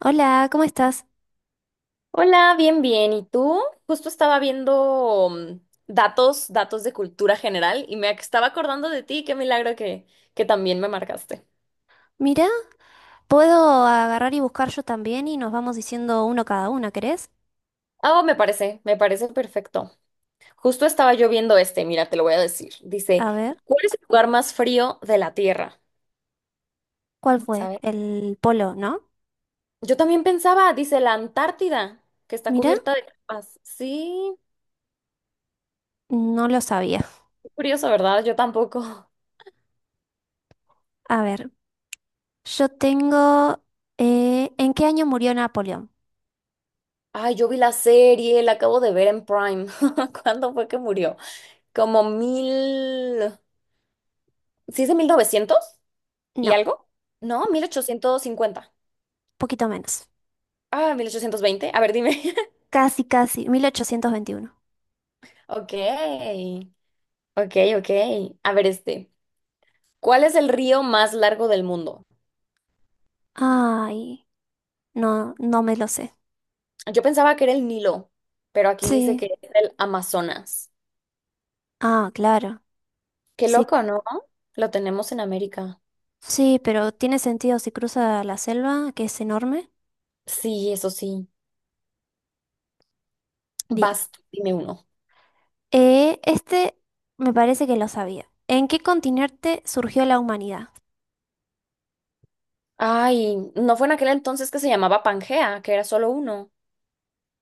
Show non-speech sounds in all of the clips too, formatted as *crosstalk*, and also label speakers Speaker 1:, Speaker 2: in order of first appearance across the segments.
Speaker 1: Hola, ¿cómo estás?
Speaker 2: Hola, bien, bien. ¿Y tú? Justo estaba viendo datos de cultura general y estaba acordando de ti. Qué milagro que también me marcaste.
Speaker 1: Mirá, puedo agarrar y buscar yo también y nos vamos diciendo uno cada una, ¿querés?
Speaker 2: Ah, me parece perfecto. Justo estaba yo viendo este, mira, te lo voy a decir. Dice,
Speaker 1: A ver,
Speaker 2: ¿cuál es el lugar más frío de la Tierra?
Speaker 1: ¿cuál fue?
Speaker 2: ¿Sabes?
Speaker 1: El polo, ¿no?
Speaker 2: Yo también pensaba, dice la Antártida, que está
Speaker 1: Mirá,
Speaker 2: cubierta de capas. Sí,
Speaker 1: no lo sabía.
Speaker 2: qué curioso, ¿verdad? Yo tampoco.
Speaker 1: A ver, yo tengo... ¿en qué año murió Napoleón?
Speaker 2: Ay, yo vi la serie, la acabo de ver en Prime. *laughs* ¿Cuándo fue que murió? Como mil... ¿Sí es de novecientos y
Speaker 1: No,
Speaker 2: algo? No, 1850.
Speaker 1: poquito menos.
Speaker 2: Ah, 1820. A ver, dime. *laughs*
Speaker 1: Casi, casi, 1821.
Speaker 2: Ok, ok, ok. A ver este. ¿Cuál es el río más largo del mundo?
Speaker 1: Ay, no, no me lo sé.
Speaker 2: Yo pensaba que era el Nilo, pero aquí dice que
Speaker 1: Sí.
Speaker 2: es el Amazonas.
Speaker 1: Ah, claro.
Speaker 2: Qué
Speaker 1: Sí,
Speaker 2: loco, ¿no? Lo tenemos en América.
Speaker 1: sí, pero tiene sentido si cruza la selva, que es enorme.
Speaker 2: Sí, eso sí.
Speaker 1: Bien.
Speaker 2: Vas, dime uno.
Speaker 1: Este me parece que lo sabía. ¿En qué continente surgió la humanidad?
Speaker 2: Ay, ¿no fue en aquel entonces que se llamaba Pangea, que era solo uno?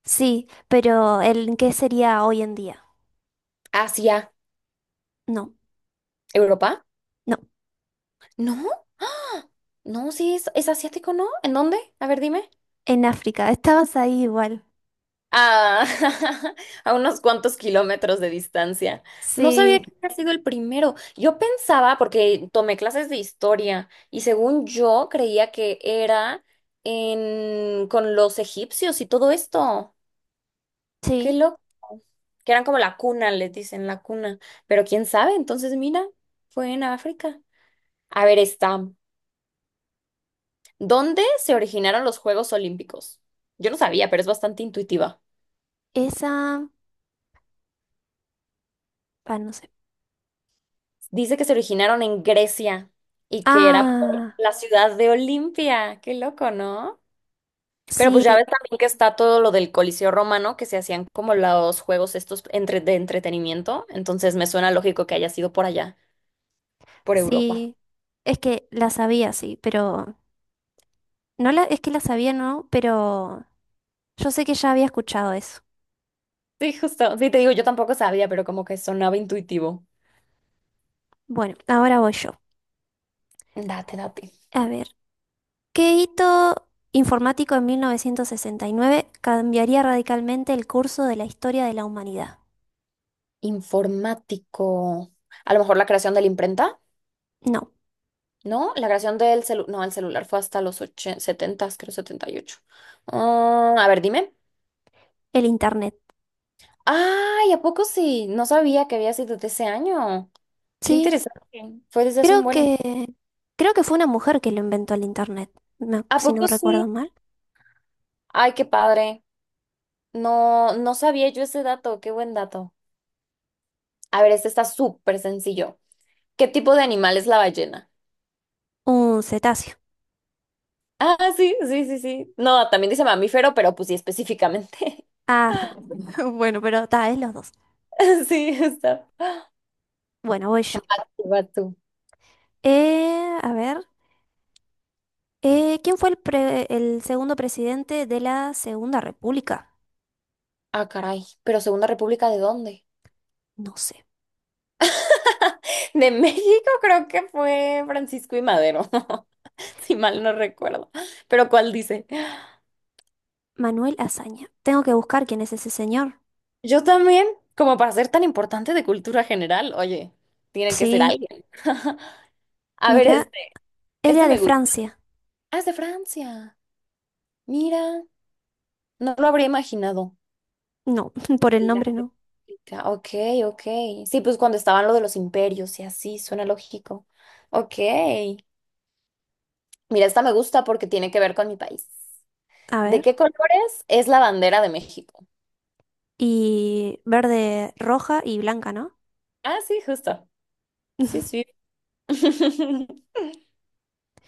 Speaker 1: Sí, pero ¿en qué sería hoy en día?
Speaker 2: Asia,
Speaker 1: No,
Speaker 2: Europa.
Speaker 1: no,
Speaker 2: No. No, sí, es asiático, ¿no? ¿En dónde? A ver, dime.
Speaker 1: en África. *laughs* Estabas ahí igual.
Speaker 2: Ah, *laughs* a unos cuantos kilómetros de distancia. No sabía
Speaker 1: Sí,
Speaker 2: que había sido el primero. Yo pensaba, porque tomé clases de historia, y según yo creía que era en, con los egipcios y todo esto. Qué
Speaker 1: sí,
Speaker 2: loco. Que eran como la cuna, les dicen, la cuna. Pero quién sabe, entonces mira, fue en África. A ver, está. ¿Dónde se originaron los Juegos Olímpicos? Yo no sabía, pero es bastante intuitiva.
Speaker 1: esa... Ah, no sé.
Speaker 2: Dice que se originaron en Grecia y que era por
Speaker 1: Ah,
Speaker 2: la ciudad de Olimpia. Qué loco, ¿no? Pero
Speaker 1: sí,
Speaker 2: pues ya ves también que está todo lo del Coliseo Romano, que se hacían como los juegos estos de entretenimiento. Entonces me suena lógico que haya sido por allá, por Europa.
Speaker 1: sí. Es que la sabía, sí, pero... No la... Es que la sabía, no, pero yo sé que ya había escuchado eso.
Speaker 2: Sí, justo. Sí, te digo, yo tampoco sabía, pero como que sonaba intuitivo.
Speaker 1: Bueno, ahora voy yo.
Speaker 2: Date, date.
Speaker 1: A ver. ¿Qué hito informático en 1969 cambiaría radicalmente el curso de la historia de la humanidad?
Speaker 2: Informático. A lo mejor la creación de la imprenta.
Speaker 1: No,
Speaker 2: No, la creación del celular, no, el celular fue hasta los 80, 70, creo 78. Ah, a ver, dime.
Speaker 1: el Internet.
Speaker 2: Ay, ¿a poco sí? No sabía que había sido de ese año. Qué
Speaker 1: Sí,
Speaker 2: interesante. Fue desde hace un
Speaker 1: creo
Speaker 2: buen...
Speaker 1: que creo que fue una mujer que lo inventó el Internet,
Speaker 2: ¿A
Speaker 1: si no
Speaker 2: poco sí?
Speaker 1: recuerdo mal.
Speaker 2: Ay, qué padre. No, no sabía yo ese dato. Qué buen dato. A ver, este está súper sencillo. ¿Qué tipo de animal es la ballena?
Speaker 1: Un cetáceo.
Speaker 2: Ah, sí, sí, sí, sí. No, también dice mamífero, pero pues sí, específicamente.
Speaker 1: Ah, *laughs* bueno, pero está, es los dos.
Speaker 2: *laughs* Sí, está.
Speaker 1: Bueno, voy yo.
Speaker 2: Va tú.
Speaker 1: Eh, a ver, ¿Quién fue el segundo presidente de la Segunda República?
Speaker 2: Ah, caray. ¿Pero Segunda República de dónde?
Speaker 1: No sé.
Speaker 2: *laughs* De México creo que fue Francisco y Madero, *laughs* si mal no recuerdo. Pero ¿cuál dice?
Speaker 1: Manuel Azaña. Tengo que buscar quién es ese señor.
Speaker 2: Yo también, como para ser tan importante de cultura general, oye, tiene que ser
Speaker 1: Sí,
Speaker 2: alguien. *laughs* A ver,
Speaker 1: mira,
Speaker 2: este
Speaker 1: era de
Speaker 2: me gusta.
Speaker 1: Francia.
Speaker 2: Ah, es de Francia. Mira, no lo habría imaginado.
Speaker 1: No, *laughs* por el
Speaker 2: La
Speaker 1: nombre no.
Speaker 2: República. Ok, ok. Sí, pues cuando estaban lo de los imperios y así, suena lógico. Ok. Mira, esta me gusta porque tiene que ver con mi país.
Speaker 1: A
Speaker 2: ¿De qué
Speaker 1: ver.
Speaker 2: colores es la bandera de México?
Speaker 1: Y verde, roja y blanca, ¿no?
Speaker 2: Ah, sí, justo. Sí,
Speaker 1: *laughs*
Speaker 2: sí. *laughs*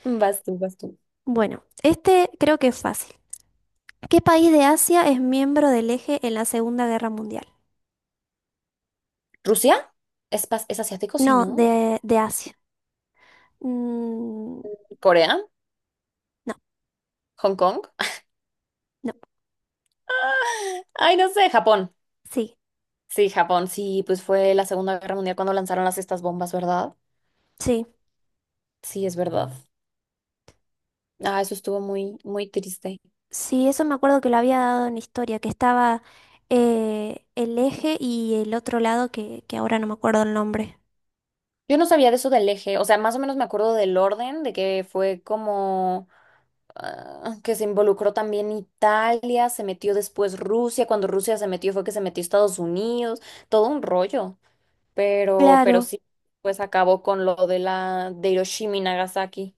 Speaker 2: Vas tú, vas tú.
Speaker 1: Bueno, este creo que es fácil. ¿Qué país de Asia es miembro del eje en la Segunda Guerra Mundial?
Speaker 2: ¿Rusia? ¿Es, es asiático? Sí,
Speaker 1: No,
Speaker 2: ¿no?
Speaker 1: de Asia. Mm,
Speaker 2: ¿Corea?
Speaker 1: no,
Speaker 2: ¿Hong Kong?
Speaker 1: no.
Speaker 2: *laughs* Ay, no sé, Japón.
Speaker 1: Sí,
Speaker 2: Sí, Japón, sí, pues fue la Segunda Guerra Mundial cuando lanzaron las estas bombas, ¿verdad?
Speaker 1: sí.
Speaker 2: Sí, es verdad. Ah, eso estuvo muy, muy triste.
Speaker 1: Sí, eso me acuerdo que lo había dado en historia, que estaba el eje y el otro lado que ahora no me acuerdo el nombre.
Speaker 2: Yo no sabía de eso del eje, o sea, más o menos me acuerdo del orden, de que fue como ah, que se involucró también Italia, se metió después Rusia, cuando Rusia se metió fue que se metió Estados Unidos, todo un rollo. Pero
Speaker 1: Claro.
Speaker 2: sí, pues acabó con lo de la de Hiroshima y Nagasaki.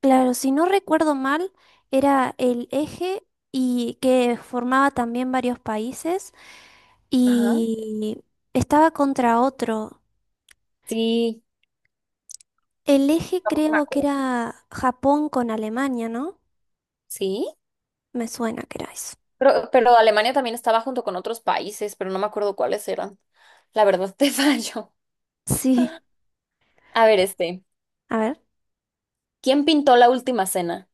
Speaker 1: Claro, si no recuerdo mal, era el eje y que formaba también varios países
Speaker 2: Ajá.
Speaker 1: y estaba contra otro.
Speaker 2: Sí,
Speaker 1: El eje
Speaker 2: tampoco me
Speaker 1: creo que
Speaker 2: acuerdo.
Speaker 1: era Japón con Alemania, ¿no?
Speaker 2: Sí.
Speaker 1: Me suena que era eso.
Speaker 2: Pero Alemania también estaba junto con otros países, pero no me acuerdo cuáles eran. La verdad te *laughs* fallo.
Speaker 1: Sí.
Speaker 2: A ver, este,
Speaker 1: A ver,
Speaker 2: ¿quién pintó la última cena?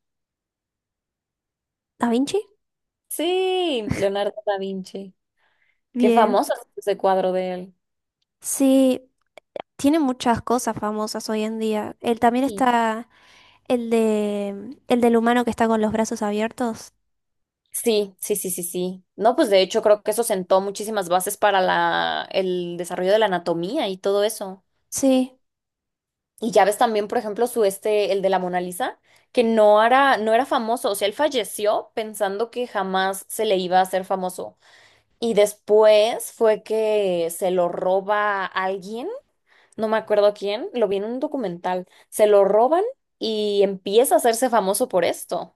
Speaker 1: Da Vinci.
Speaker 2: Sí, Leonardo da Vinci. Qué
Speaker 1: Bien.
Speaker 2: famoso es ese cuadro de él.
Speaker 1: Sí, tiene muchas cosas famosas hoy en día. Él también
Speaker 2: Sí,
Speaker 1: está el de el del humano que está con los brazos abiertos.
Speaker 2: sí, sí, sí, sí. Sí. No, pues de hecho creo que eso sentó muchísimas bases para el desarrollo de la anatomía y todo eso.
Speaker 1: Sí.
Speaker 2: Y ya ves también, por ejemplo, su este, el de la Mona Lisa, que no era famoso, o sea, él falleció pensando que jamás se le iba a hacer famoso. Y después fue que se lo roba alguien, no me acuerdo quién, lo vi en un documental, se lo roban y empieza a hacerse famoso por esto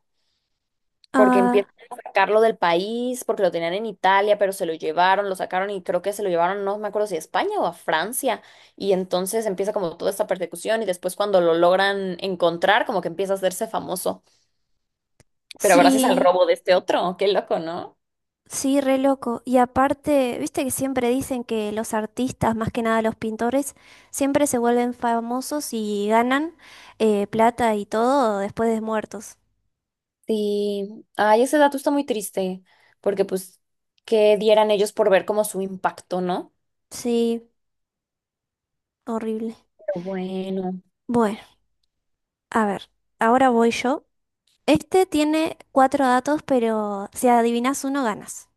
Speaker 2: porque
Speaker 1: Ah,
Speaker 2: empiezan a sacarlo del país, porque lo tenían en Italia, pero se lo llevaron, lo sacaron y creo que se lo llevaron, no me acuerdo si a España o a Francia, y entonces empieza como toda esta persecución y después cuando lo logran encontrar, como que empieza a hacerse famoso, pero gracias al
Speaker 1: sí.
Speaker 2: robo de este otro, qué loco, ¿no?
Speaker 1: Sí, re loco. Y aparte, viste que siempre dicen que los artistas, más que nada los pintores, siempre se vuelven famosos y ganan plata y todo después de muertos.
Speaker 2: Sí, ay, ese dato está muy triste, porque pues, ¿qué dieran ellos por ver como su impacto, ¿no?
Speaker 1: Sí, horrible.
Speaker 2: Pero bueno,
Speaker 1: Bueno, a ver, ahora voy yo. Este tiene cuatro datos, pero si adivinas uno, ganas.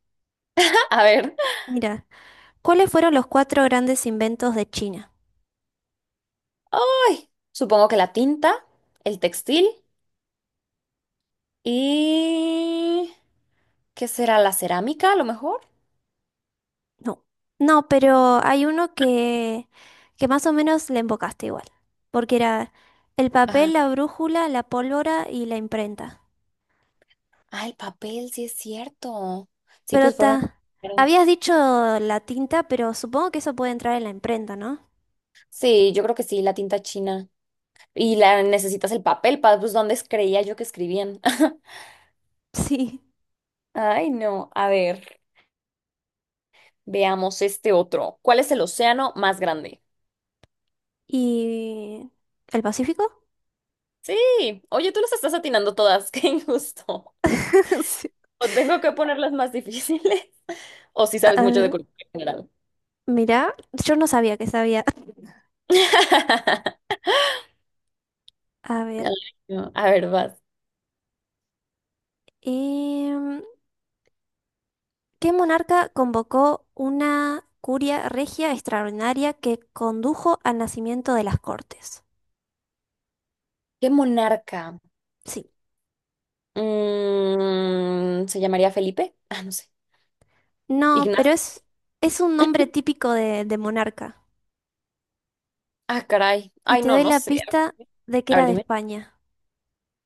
Speaker 2: *laughs* a ver,
Speaker 1: Mira, ¿cuáles fueron los cuatro grandes inventos de China?
Speaker 2: ay, supongo que la tinta, el textil y... ¿Qué será la cerámica a lo mejor?
Speaker 1: No, no, pero hay uno que más o menos le embocaste igual, porque era el papel,
Speaker 2: Ajá.
Speaker 1: la brújula, la pólvora y la imprenta.
Speaker 2: Ah, el papel, sí es cierto. Sí,
Speaker 1: Pero
Speaker 2: pues fueron.
Speaker 1: ta, habías
Speaker 2: primeros.
Speaker 1: dicho la tinta, pero supongo que eso puede entrar en la imprenta, ¿no?
Speaker 2: Sí, yo creo que sí, la tinta china. Y la necesitas el papel, para pues ¿dónde creía yo que escribían? *laughs*
Speaker 1: Sí.
Speaker 2: Ay, no. A ver, veamos este otro. ¿Cuál es el océano más grande?
Speaker 1: ¿Y el Pacífico?
Speaker 2: Sí. Oye, tú las estás atinando todas. *laughs* Qué injusto.
Speaker 1: *laughs* Sí.
Speaker 2: O tengo que ponerlas más difíciles. *laughs* O si sabes
Speaker 1: A
Speaker 2: mucho de
Speaker 1: ver,
Speaker 2: cultura general.
Speaker 1: mirá, yo no sabía que sabía. *laughs*
Speaker 2: *laughs*
Speaker 1: A ver,
Speaker 2: Ay, no. A ver, vas.
Speaker 1: em, ¿qué monarca convocó una curia regia extraordinaria que condujo al nacimiento de las Cortes?
Speaker 2: ¿Qué monarca?
Speaker 1: Sí.
Speaker 2: ¿Se llamaría Felipe? Ah, no sé.
Speaker 1: No, pero
Speaker 2: Ignacio.
Speaker 1: es un nombre
Speaker 2: *laughs*
Speaker 1: típico de monarca.
Speaker 2: Ah, caray.
Speaker 1: Y
Speaker 2: Ay,
Speaker 1: te
Speaker 2: no,
Speaker 1: doy
Speaker 2: no
Speaker 1: la
Speaker 2: sé.
Speaker 1: pista de que
Speaker 2: A
Speaker 1: era
Speaker 2: ver,
Speaker 1: de
Speaker 2: dime.
Speaker 1: España.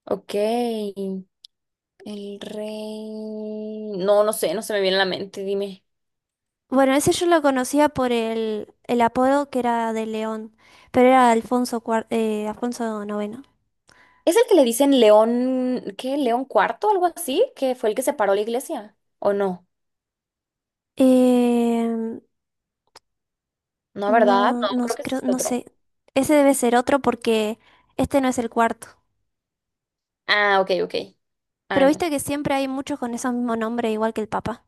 Speaker 2: Ok. El rey. No, no sé, no se me viene a la mente, dime.
Speaker 1: Bueno, ese yo lo conocía por el apodo que era de León, pero era Alfonso, Alfonso IX.
Speaker 2: ¿Es el que le dicen León, qué? ¿León cuarto, algo así? ¿Que fue el que separó la iglesia? ¿O no?
Speaker 1: Em,
Speaker 2: No, ¿verdad?
Speaker 1: no,
Speaker 2: No,
Speaker 1: no,
Speaker 2: creo que ese
Speaker 1: creo,
Speaker 2: es
Speaker 1: no
Speaker 2: otro.
Speaker 1: sé. Ese debe ser otro porque este no es el cuarto.
Speaker 2: Ah, ok, ok. Ah,
Speaker 1: Pero
Speaker 2: no.
Speaker 1: viste que siempre hay muchos con esos mismos nombres, igual que el Papa.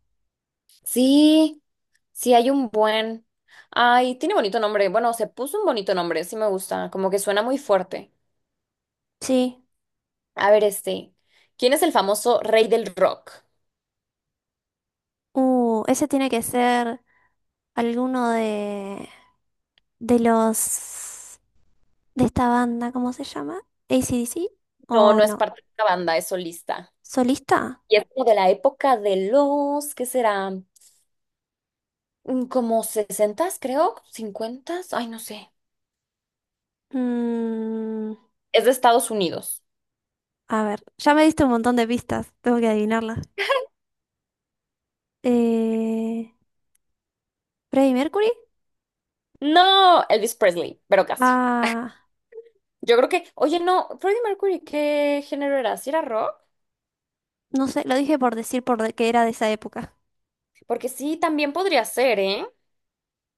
Speaker 2: Sí, sí, hay un buen. Ay, tiene bonito nombre. Bueno, se puso un bonito nombre, sí me gusta. Como que suena muy fuerte.
Speaker 1: Sí.
Speaker 2: A ver, este. ¿Quién es el famoso rey del rock?
Speaker 1: Ese tiene que ser alguno de, los... de esta banda, ¿cómo se llama? ¿ACDC?
Speaker 2: No,
Speaker 1: ¿O
Speaker 2: no es
Speaker 1: no?
Speaker 2: parte de una banda, es solista.
Speaker 1: ¿Solista?
Speaker 2: Y es como de la época de los, ¿qué será? Como sesentas, creo, cincuentas, ay, no sé.
Speaker 1: Mm,
Speaker 2: Es de Estados Unidos.
Speaker 1: a ver, ya me diste un montón de pistas, tengo que adivinarlas. Eh, ¿Freddie Mercury?
Speaker 2: No, Elvis Presley, pero casi.
Speaker 1: Ah,
Speaker 2: Yo creo que, oye, no, Freddie Mercury, ¿qué género era? ¿Si era rock?
Speaker 1: no sé, lo dije por decir que era de esa época.
Speaker 2: Porque sí, también podría ser, ¿eh?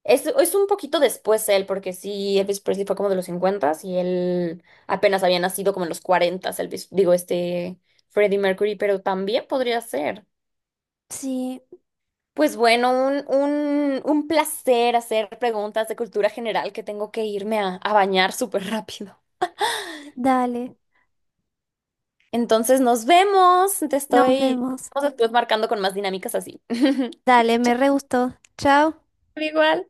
Speaker 2: Es un poquito después él, porque sí, Elvis Presley fue como de los 50 y él apenas había nacido como en los 40, Elvis, digo, este Freddie Mercury, pero también podría ser.
Speaker 1: Sí,
Speaker 2: Pues bueno, un placer hacer preguntas de cultura general que tengo que irme a bañar súper rápido.
Speaker 1: dale,
Speaker 2: Entonces nos vemos, te
Speaker 1: nos
Speaker 2: estoy,
Speaker 1: vemos.
Speaker 2: nos estoy marcando con más dinámicas así. *laughs*
Speaker 1: Dale, me
Speaker 2: Chao,
Speaker 1: re gustó. Chao.
Speaker 2: igual.